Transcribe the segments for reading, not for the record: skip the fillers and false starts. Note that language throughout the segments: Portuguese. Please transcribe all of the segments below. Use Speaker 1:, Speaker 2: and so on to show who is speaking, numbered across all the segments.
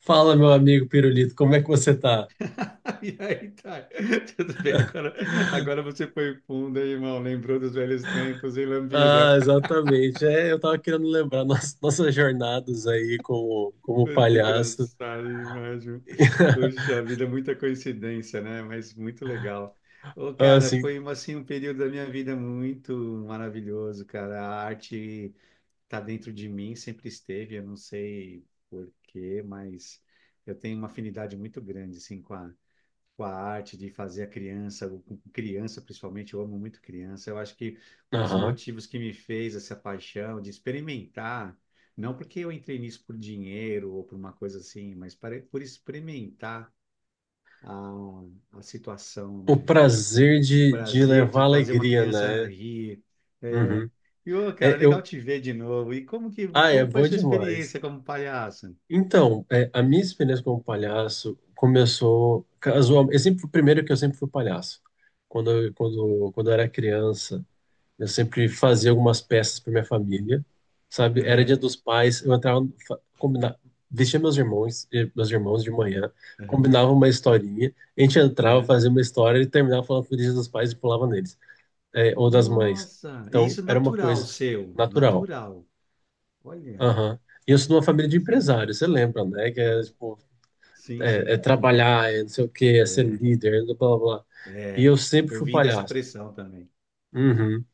Speaker 1: Fala, meu amigo Pirulito, como é que você tá?
Speaker 2: E aí, tá. Tudo bem, agora, agora você foi fundo, hein, irmão. Lembrou dos velhos tempos, hein,
Speaker 1: Ah,
Speaker 2: Lambida?
Speaker 1: exatamente. Eu tava querendo lembrar nossas jornadas aí como
Speaker 2: Foi
Speaker 1: palhaço.
Speaker 2: engraçado demais, viu? Poxa vida, muita coincidência, né? Mas muito legal. Ô, cara,
Speaker 1: Assim,
Speaker 2: foi assim, um período da minha vida muito maravilhoso, cara. A arte tá dentro de mim, sempre esteve, eu não sei por quê, mas eu tenho uma afinidade muito grande, assim, com a arte de fazer a criança, com criança principalmente, eu amo muito criança. Eu acho que um dos
Speaker 1: aham.
Speaker 2: motivos que me fez essa paixão de experimentar, não porque eu entrei nisso por dinheiro ou por uma coisa assim, mas por experimentar a situação,
Speaker 1: O
Speaker 2: né?
Speaker 1: prazer
Speaker 2: O
Speaker 1: de
Speaker 2: prazer de
Speaker 1: levar
Speaker 2: fazer uma
Speaker 1: alegria,
Speaker 2: criança
Speaker 1: né?
Speaker 2: rir. É,
Speaker 1: Uhum.
Speaker 2: e, ô, cara,
Speaker 1: É,
Speaker 2: legal
Speaker 1: eu,
Speaker 2: te ver de novo. E
Speaker 1: é
Speaker 2: como foi a
Speaker 1: bom
Speaker 2: sua
Speaker 1: demais.
Speaker 2: experiência como palhaço?
Speaker 1: Então, a minha experiência como palhaço começou casualmente. O primeiro que eu sempre fui palhaço. Quando eu era criança. Eu sempre fazia algumas peças para minha família, sabe? Era dia
Speaker 2: Uhum,
Speaker 1: dos pais, eu entrava, vestia meus irmãos, meus irmãos de manhã,
Speaker 2: uhum,
Speaker 1: combinava uma historinha, a gente entrava,
Speaker 2: uhum.
Speaker 1: fazia uma história e terminava falando feliz dia dos pais e pulava neles, eh, ou das mães.
Speaker 2: Nossa, e
Speaker 1: Então,
Speaker 2: isso é
Speaker 1: era uma
Speaker 2: natural
Speaker 1: coisa
Speaker 2: seu,
Speaker 1: natural.
Speaker 2: natural. Olha,
Speaker 1: Aham. E eu sou de uma família de
Speaker 2: interessante.
Speaker 1: empresários, você lembra, né? Que é,
Speaker 2: Uhum.
Speaker 1: tipo,
Speaker 2: Sim,
Speaker 1: é
Speaker 2: sim.
Speaker 1: trabalhar, é não sei o quê, é ser
Speaker 2: É,
Speaker 1: líder, é blá, blá, blá. E
Speaker 2: é.
Speaker 1: eu sempre
Speaker 2: Eu
Speaker 1: fui
Speaker 2: vim dessa
Speaker 1: palhaço.
Speaker 2: pressão também.
Speaker 1: Uhum.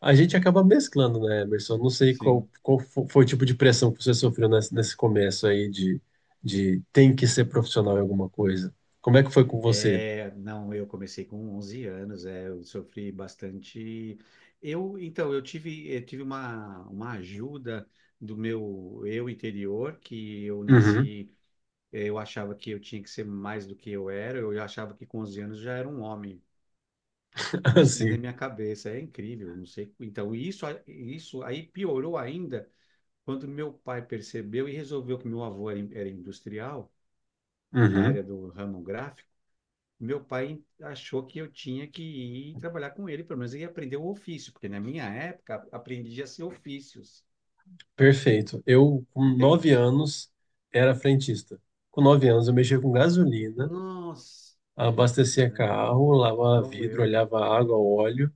Speaker 1: A gente acaba mesclando, né, Emerson? Não sei qual,
Speaker 2: Sim.
Speaker 1: qual fo- foi o tipo de pressão que você sofreu nesse começo aí de tem que ser profissional em alguma coisa. Como é que foi com você?
Speaker 2: É, não, eu comecei com 11 anos, é, eu sofri bastante. Então, eu tive uma ajuda do meu eu interior, que eu
Speaker 1: Uhum.
Speaker 2: nasci, eu achava que eu tinha que ser mais do que eu era, eu achava que com 11 anos já era um homem. Isso dentro da
Speaker 1: Assim.
Speaker 2: minha cabeça, é incrível, não sei. Então, isso aí piorou ainda quando meu pai percebeu e resolveu que meu avô era industrial, da
Speaker 1: Uhum.
Speaker 2: área do ramo gráfico. Meu pai achou que eu tinha que ir trabalhar com ele, pelo menos ele aprender o ofício, porque na minha época aprendia-se ofícios,
Speaker 1: Perfeito. Eu, com nove
Speaker 2: entende?
Speaker 1: anos, era frentista. Com 9 anos, eu mexia com gasolina,
Speaker 2: Nossa,
Speaker 1: abastecia
Speaker 2: é,
Speaker 1: carro, lavava
Speaker 2: igual
Speaker 1: vidro,
Speaker 2: eu,
Speaker 1: olhava água, óleo.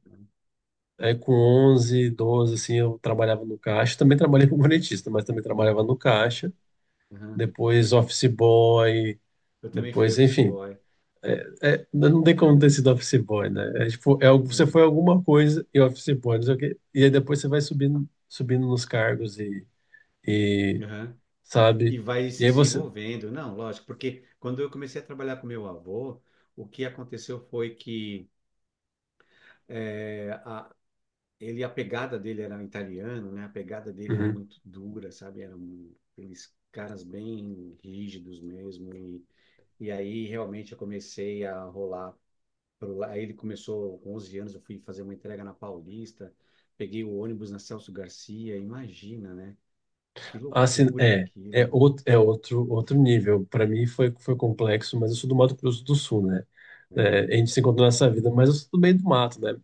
Speaker 1: Aí, com 11 12 assim, eu trabalhava no caixa. Também trabalhei como frentista, mas também trabalhava no
Speaker 2: né?
Speaker 1: caixa.
Speaker 2: Aham.
Speaker 1: Depois, office boy.
Speaker 2: Eu também fui
Speaker 1: Depois,
Speaker 2: office
Speaker 1: enfim,
Speaker 2: boy.
Speaker 1: é, não tem como ter
Speaker 2: É,
Speaker 1: sido office boy, né? É, tipo, você foi
Speaker 2: é.
Speaker 1: alguma coisa e office boy, não sei o quê. E aí depois você vai subindo nos cargos e
Speaker 2: Aham. E
Speaker 1: sabe?
Speaker 2: vai se
Speaker 1: E aí você.
Speaker 2: desenvolvendo. Não, lógico, porque quando eu comecei a trabalhar com meu avô, o que aconteceu foi que eh, a, a pegada dele era italiano, né? A pegada dele era
Speaker 1: Uhum.
Speaker 2: muito dura, sabe? Eram aqueles caras bem rígidos mesmo. E aí realmente eu comecei a rolar. Aí ele começou com 11 anos, eu fui fazer uma entrega na Paulista, peguei o ônibus na Celso Garcia, imagina, né? Que
Speaker 1: Assim,
Speaker 2: loucura
Speaker 1: é, é
Speaker 2: aquilo,
Speaker 1: outro, é outro, outro nível. Para mim foi complexo, mas eu sou do Mato Grosso do Sul, né?
Speaker 2: né?
Speaker 1: É, a gente se encontrou nessa vida, mas eu sou do meio do mato, né?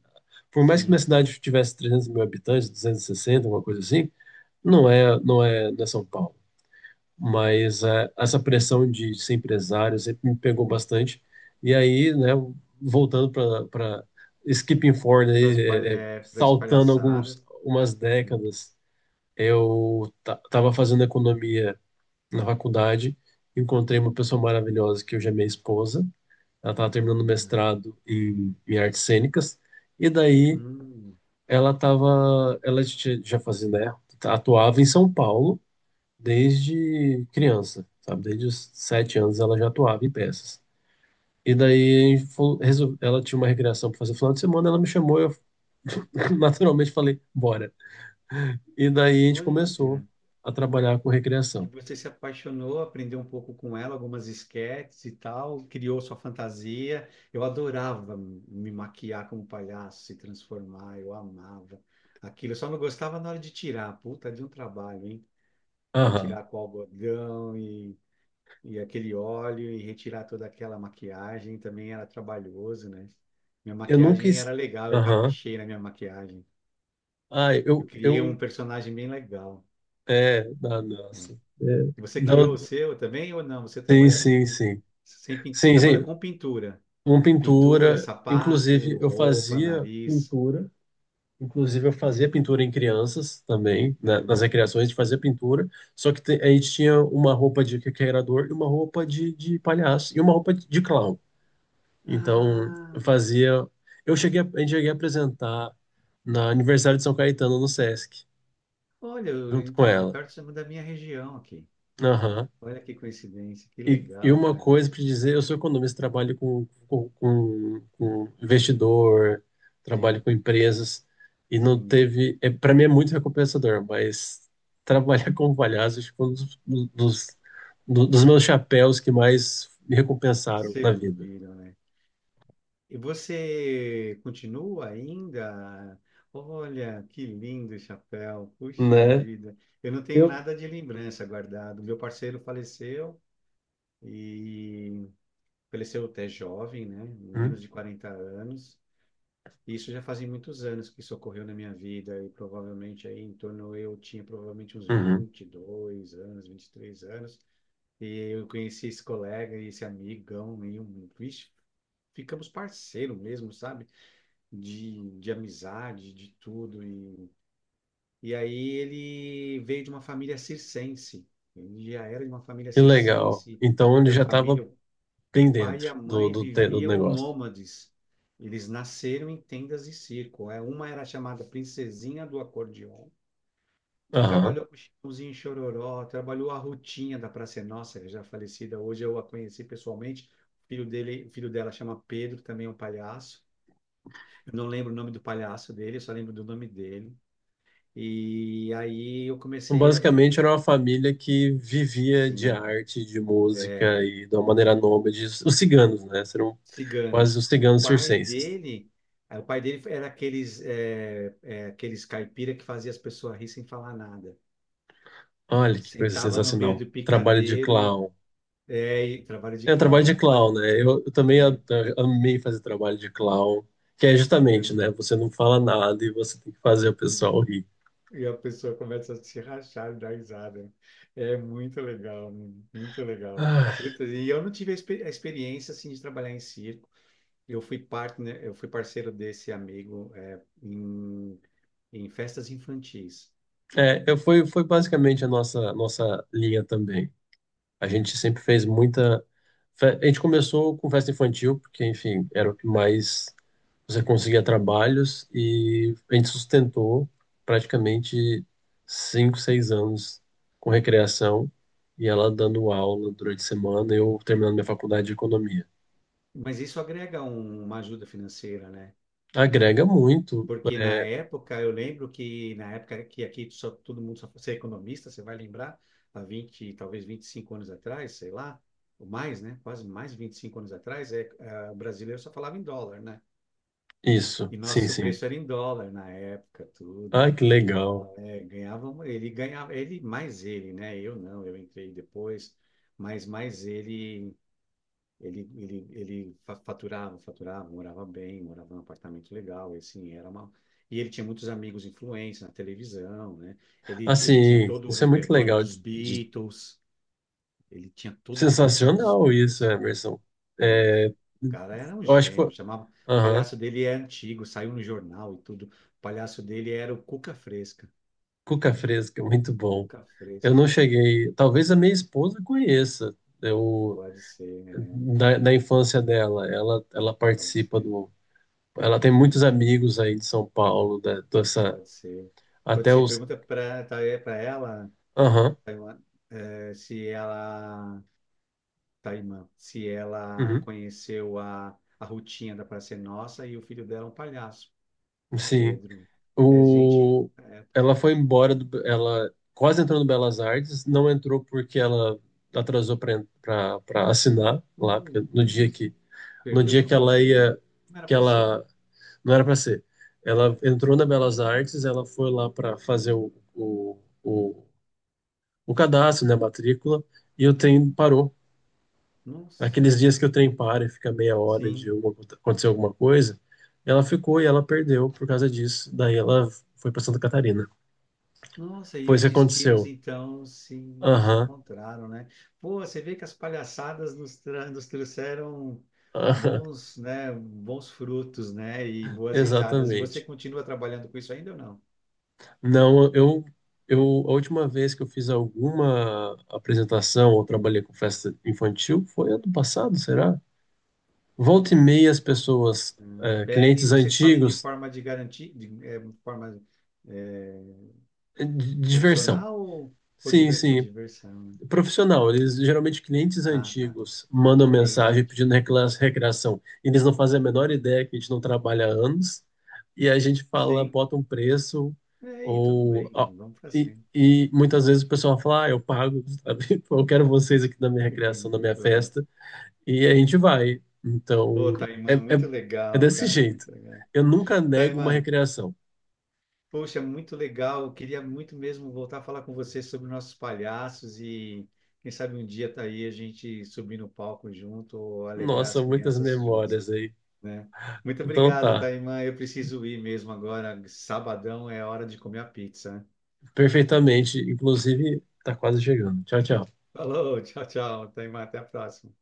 Speaker 1: Por mais que minha
Speaker 2: Sim, sim.
Speaker 1: cidade tivesse 300 mil habitantes, 260, alguma coisa assim, não é São Paulo. Mas é, essa pressão de ser empresário sempre me pegou bastante. E aí, né, voltando para skipping forward,
Speaker 2: para
Speaker 1: aí,
Speaker 2: as palha- é, Pras
Speaker 1: saltando
Speaker 2: palhaçadas,
Speaker 1: alguns, umas
Speaker 2: né?
Speaker 1: décadas, eu estava fazendo economia na faculdade, encontrei uma pessoa maravilhosa que hoje é minha esposa. Ela estava terminando o
Speaker 2: Olha,
Speaker 1: mestrado em artes cênicas, e daí
Speaker 2: hum,
Speaker 1: ela já fazia, né, atuava em São Paulo desde criança, sabe? Desde os 7 anos ela já atuava em peças. E daí ela tinha uma recreação para fazer final de semana, ela me chamou e eu naturalmente falei, bora. E daí a gente começou
Speaker 2: olha.
Speaker 1: a trabalhar com
Speaker 2: E
Speaker 1: recreação.
Speaker 2: você se apaixonou, aprendeu um pouco com ela, algumas esquetes e tal, criou sua fantasia. Eu adorava me maquiar como palhaço, se transformar, eu amava aquilo. Eu só não gostava na hora de tirar, puta, de um trabalho, hein? Para
Speaker 1: Aham.
Speaker 2: tirar com algodão e aquele óleo e retirar toda aquela maquiagem também era trabalhoso, né? Minha
Speaker 1: Eu nunca...
Speaker 2: maquiagem era
Speaker 1: es-
Speaker 2: legal, eu
Speaker 1: Aham.
Speaker 2: caprichei na minha maquiagem.
Speaker 1: Ah,
Speaker 2: Eu criei um
Speaker 1: eu...
Speaker 2: personagem bem legal.
Speaker 1: É, ah, nossa. É,
Speaker 2: Você criou o
Speaker 1: não,
Speaker 2: seu também ou não? Você
Speaker 1: sim,
Speaker 2: trabalha
Speaker 1: sim,
Speaker 2: sem,
Speaker 1: sim.
Speaker 2: sem pin- você
Speaker 1: Sim,
Speaker 2: trabalha
Speaker 1: sim.
Speaker 2: com pintura.
Speaker 1: Uma
Speaker 2: Pintura,
Speaker 1: pintura... Inclusive,
Speaker 2: sapato,
Speaker 1: eu
Speaker 2: roupa,
Speaker 1: fazia
Speaker 2: nariz.
Speaker 1: pintura. Inclusive, eu fazia pintura em crianças também, né? Nas
Speaker 2: Uhum.
Speaker 1: recreações a gente fazia pintura, só que a gente tinha uma roupa de requeirador e uma roupa de palhaço e uma roupa de clown. Então, eu
Speaker 2: Ah,
Speaker 1: fazia. A gente cheguei a apresentar na aniversário de São Caetano no Sesc,
Speaker 2: olha,
Speaker 1: junto com
Speaker 2: então, é
Speaker 1: ela.
Speaker 2: perto da minha região aqui. Olha que coincidência, que
Speaker 1: E
Speaker 2: legal,
Speaker 1: uma
Speaker 2: cara.
Speaker 1: coisa para dizer, eu sou economista, trabalho com investidor, trabalho
Speaker 2: Sim,
Speaker 1: com empresas, e não
Speaker 2: sim.
Speaker 1: teve. É, para mim é muito recompensador, mas trabalhar como palhaço acho que foi um dos, dos, do- dos meus chapéus que mais me recompensaram na vida.
Speaker 2: Serviram, né? E você continua ainda? Olha, que lindo o chapéu, puxa
Speaker 1: Né?
Speaker 2: vida. Eu não tenho
Speaker 1: Eu,
Speaker 2: nada de lembrança guardado. Meu parceiro faleceu e faleceu até jovem, né? Menos
Speaker 1: hum?
Speaker 2: de 40 anos. Isso já fazem muitos anos que isso ocorreu na minha vida e provavelmente aí em torno eu tinha provavelmente uns
Speaker 1: Uhum.
Speaker 2: 20, e 2 anos, 23 anos. E eu conheci esse colega e esse amigão e vixe, ficamos parceiro mesmo, sabe? de amizade, de tudo. E aí ele veio de uma família circense. Ele já era de uma família
Speaker 1: Que legal.
Speaker 2: circense,
Speaker 1: Então ele
Speaker 2: e a
Speaker 1: já estava
Speaker 2: família, o
Speaker 1: bem
Speaker 2: pai e
Speaker 1: dentro
Speaker 2: a mãe
Speaker 1: do
Speaker 2: viviam
Speaker 1: negócio.
Speaker 2: nômades. Eles nasceram em tendas de circo. Uma era chamada Princesinha do Acordeon, que
Speaker 1: Aham.
Speaker 2: trabalhou com o Chitãozinho e Chororó, trabalhou a Rutinha da Praça é Nossa, que já é falecida. Hoje eu a conheci pessoalmente. O filho dele, o filho dela chama Pedro, também é um palhaço. Eu não lembro o nome do palhaço dele, eu só lembro do nome dele. E aí eu
Speaker 1: Então,
Speaker 2: comecei a,
Speaker 1: basicamente, era uma família que vivia de
Speaker 2: Sim,
Speaker 1: arte, de
Speaker 2: é,
Speaker 1: música e de uma maneira nômade. Os ciganos, né? Eram quase
Speaker 2: ciganos.
Speaker 1: os
Speaker 2: O
Speaker 1: ciganos
Speaker 2: pai
Speaker 1: circenses.
Speaker 2: dele, eh, o pai dele era aqueles caipira que fazia as pessoas rir sem falar nada.
Speaker 1: Olha que coisa
Speaker 2: Sentava no meio
Speaker 1: sensacional.
Speaker 2: do
Speaker 1: Trabalho de
Speaker 2: picadeiro e,
Speaker 1: clown.
Speaker 2: é, e trabalho de
Speaker 1: É, trabalho
Speaker 2: clown.
Speaker 1: de clown, né? Eu também
Speaker 2: É,
Speaker 1: amei fazer trabalho de clown, que é justamente,
Speaker 2: eu-
Speaker 1: né? Você não fala nada e você tem que fazer o pessoal
Speaker 2: eu-
Speaker 1: rir.
Speaker 2: e a pessoa começa a se rachar e dar risada. É muito legal, muito legal.
Speaker 1: Ah,
Speaker 2: Puta, e eu não tive a experiência assim de trabalhar em circo. Eu fui parceiro desse amigo em festas infantis.
Speaker 1: é, foi basicamente a nossa linha também. A gente sempre fez muita. A gente começou com festa infantil, porque, enfim, era o que mais você conseguia trabalhos e a gente sustentou praticamente 5, 6 anos com recreação e ela dando aula durante a semana, eu terminando minha faculdade de economia.
Speaker 2: Mas isso agrega uma ajuda financeira, né?
Speaker 1: Agrega muito,
Speaker 2: Porque na
Speaker 1: é,
Speaker 2: época, eu lembro que na época que aqui só, todo mundo só você é economista, você vai lembrar, há 20, talvez 25 anos atrás, sei lá, ou mais, né? Quase mais de 25 anos atrás, é, o brasileiro só falava em dólar, né?
Speaker 1: isso,
Speaker 2: E
Speaker 1: sim,
Speaker 2: nosso
Speaker 1: sim.
Speaker 2: preço era em dólar na época,
Speaker 1: Ah,
Speaker 2: tudo.
Speaker 1: que legal.
Speaker 2: É, ele ganhava, ele mais ele, né? Eu não, eu entrei depois, mas mais ele faturava, morava bem, morava num apartamento legal, e assim, era uma. E ele tinha muitos amigos influentes na televisão, né? Ele tinha
Speaker 1: Assim,
Speaker 2: todo o
Speaker 1: isso é muito
Speaker 2: repertório
Speaker 1: legal,
Speaker 2: dos
Speaker 1: de-
Speaker 2: Beatles, ele tinha todo o repertório dos
Speaker 1: sensacional isso,
Speaker 2: Beatles,
Speaker 1: Emerson.
Speaker 2: né? O
Speaker 1: É,
Speaker 2: cara era um
Speaker 1: eu acho que
Speaker 2: gênio,
Speaker 1: foi,
Speaker 2: chamava, o
Speaker 1: aham,
Speaker 2: palhaço dele é antigo, saiu no jornal e tudo. O palhaço dele era o Cuca Fresca.
Speaker 1: cuca fresca, é muito bom.
Speaker 2: Cuca
Speaker 1: Eu
Speaker 2: Fresca.
Speaker 1: não cheguei, talvez a minha esposa conheça. Eu
Speaker 2: Pode ser, é,
Speaker 1: da infância dela. Ela
Speaker 2: pode
Speaker 1: participa
Speaker 2: ser,
Speaker 1: do. Ela tem muitos amigos aí de São Paulo, da, dessa,
Speaker 2: pode ser. Pode
Speaker 1: até
Speaker 2: ser.
Speaker 1: os.
Speaker 2: Pergunta para ela,
Speaker 1: Aham,
Speaker 2: Taiwan, eh, se ela, Taimã, se ela
Speaker 1: uhum,
Speaker 2: conheceu a Rutinha da Praça é Nossa e o filho dela é um palhaço, é
Speaker 1: sim.
Speaker 2: Pedro. É gente,
Speaker 1: O, ela foi embora, do, ela quase entrou no Belas Artes, não entrou porque ela atrasou para assinar lá, porque
Speaker 2: uh,
Speaker 1: no dia que, no
Speaker 2: perdeu
Speaker 1: dia
Speaker 2: por
Speaker 1: que ela
Speaker 2: bobeira.
Speaker 1: ia,
Speaker 2: Não era
Speaker 1: que
Speaker 2: para ser,
Speaker 1: ela não era para ser. Ela
Speaker 2: né?
Speaker 1: entrou na Belas Artes, ela foi lá para fazer o cadastro, né, a matrícula, e o trem parou.
Speaker 2: Nossa,
Speaker 1: Aqueles dias que o trem para e fica meia hora de
Speaker 2: sim.
Speaker 1: alguma- acontecer alguma coisa, ela ficou e ela perdeu por causa disso. Daí ela foi para Santa Catarina.
Speaker 2: Nossa, e
Speaker 1: Foi isso
Speaker 2: os
Speaker 1: que
Speaker 2: destinos
Speaker 1: aconteceu.
Speaker 2: então se
Speaker 1: Aham,
Speaker 2: encontraram, né? Pô, você vê que as palhaçadas nos trouxeram
Speaker 1: aham,
Speaker 2: bons, né, bons frutos, né, e boas risadas. E você
Speaker 1: exatamente.
Speaker 2: continua trabalhando com isso ainda ou não?
Speaker 1: Não, eu, A última vez que eu fiz alguma apresentação ou trabalhei com festa infantil foi ano passado, será? Volta e meia as pessoas, eh,
Speaker 2: Pede e
Speaker 1: clientes
Speaker 2: vocês fazem de
Speaker 1: antigos,
Speaker 2: forma de garantir, de é, forma é,
Speaker 1: diversão.
Speaker 2: profissional ou
Speaker 1: Sim,
Speaker 2: por
Speaker 1: sim,
Speaker 2: diversão, né?
Speaker 1: profissional. Eles geralmente clientes
Speaker 2: Ah, tá.
Speaker 1: antigos mandam
Speaker 2: Clientes
Speaker 1: mensagem pedindo
Speaker 2: antigos.
Speaker 1: recreação. Eles não fazem a menor ideia que a gente não trabalha há anos e a gente fala,
Speaker 2: Sim.
Speaker 1: bota um preço
Speaker 2: É, e tudo
Speaker 1: ou
Speaker 2: bem.
Speaker 1: ó,
Speaker 2: Vamos para cima.
Speaker 1: e muitas vezes o pessoal fala, ah, eu pago, sabe? Eu quero vocês aqui na minha
Speaker 2: Ok,
Speaker 1: recreação, na minha
Speaker 2: pronto.
Speaker 1: festa e a gente vai. Então
Speaker 2: Pô,
Speaker 1: é,
Speaker 2: Taimã,
Speaker 1: é,
Speaker 2: muito
Speaker 1: é
Speaker 2: legal,
Speaker 1: desse
Speaker 2: cara,
Speaker 1: jeito.
Speaker 2: muito legal.
Speaker 1: Eu nunca nego uma
Speaker 2: Taimã,
Speaker 1: recreação.
Speaker 2: poxa, muito legal. Eu queria muito mesmo voltar a falar com você sobre nossos palhaços e quem sabe um dia tá aí a gente subir no palco junto ou alegrar
Speaker 1: Nossa,
Speaker 2: as
Speaker 1: muitas
Speaker 2: crianças juntos,
Speaker 1: memórias aí.
Speaker 2: né? Muito
Speaker 1: Então
Speaker 2: obrigado,
Speaker 1: tá.
Speaker 2: Taimã. Eu preciso ir mesmo agora. Sabadão é hora de comer a pizza, né?
Speaker 1: Perfeitamente. Inclusive, tá quase chegando. Tchau, tchau.
Speaker 2: Falou, tchau, tchau, Taimã. Até a próxima.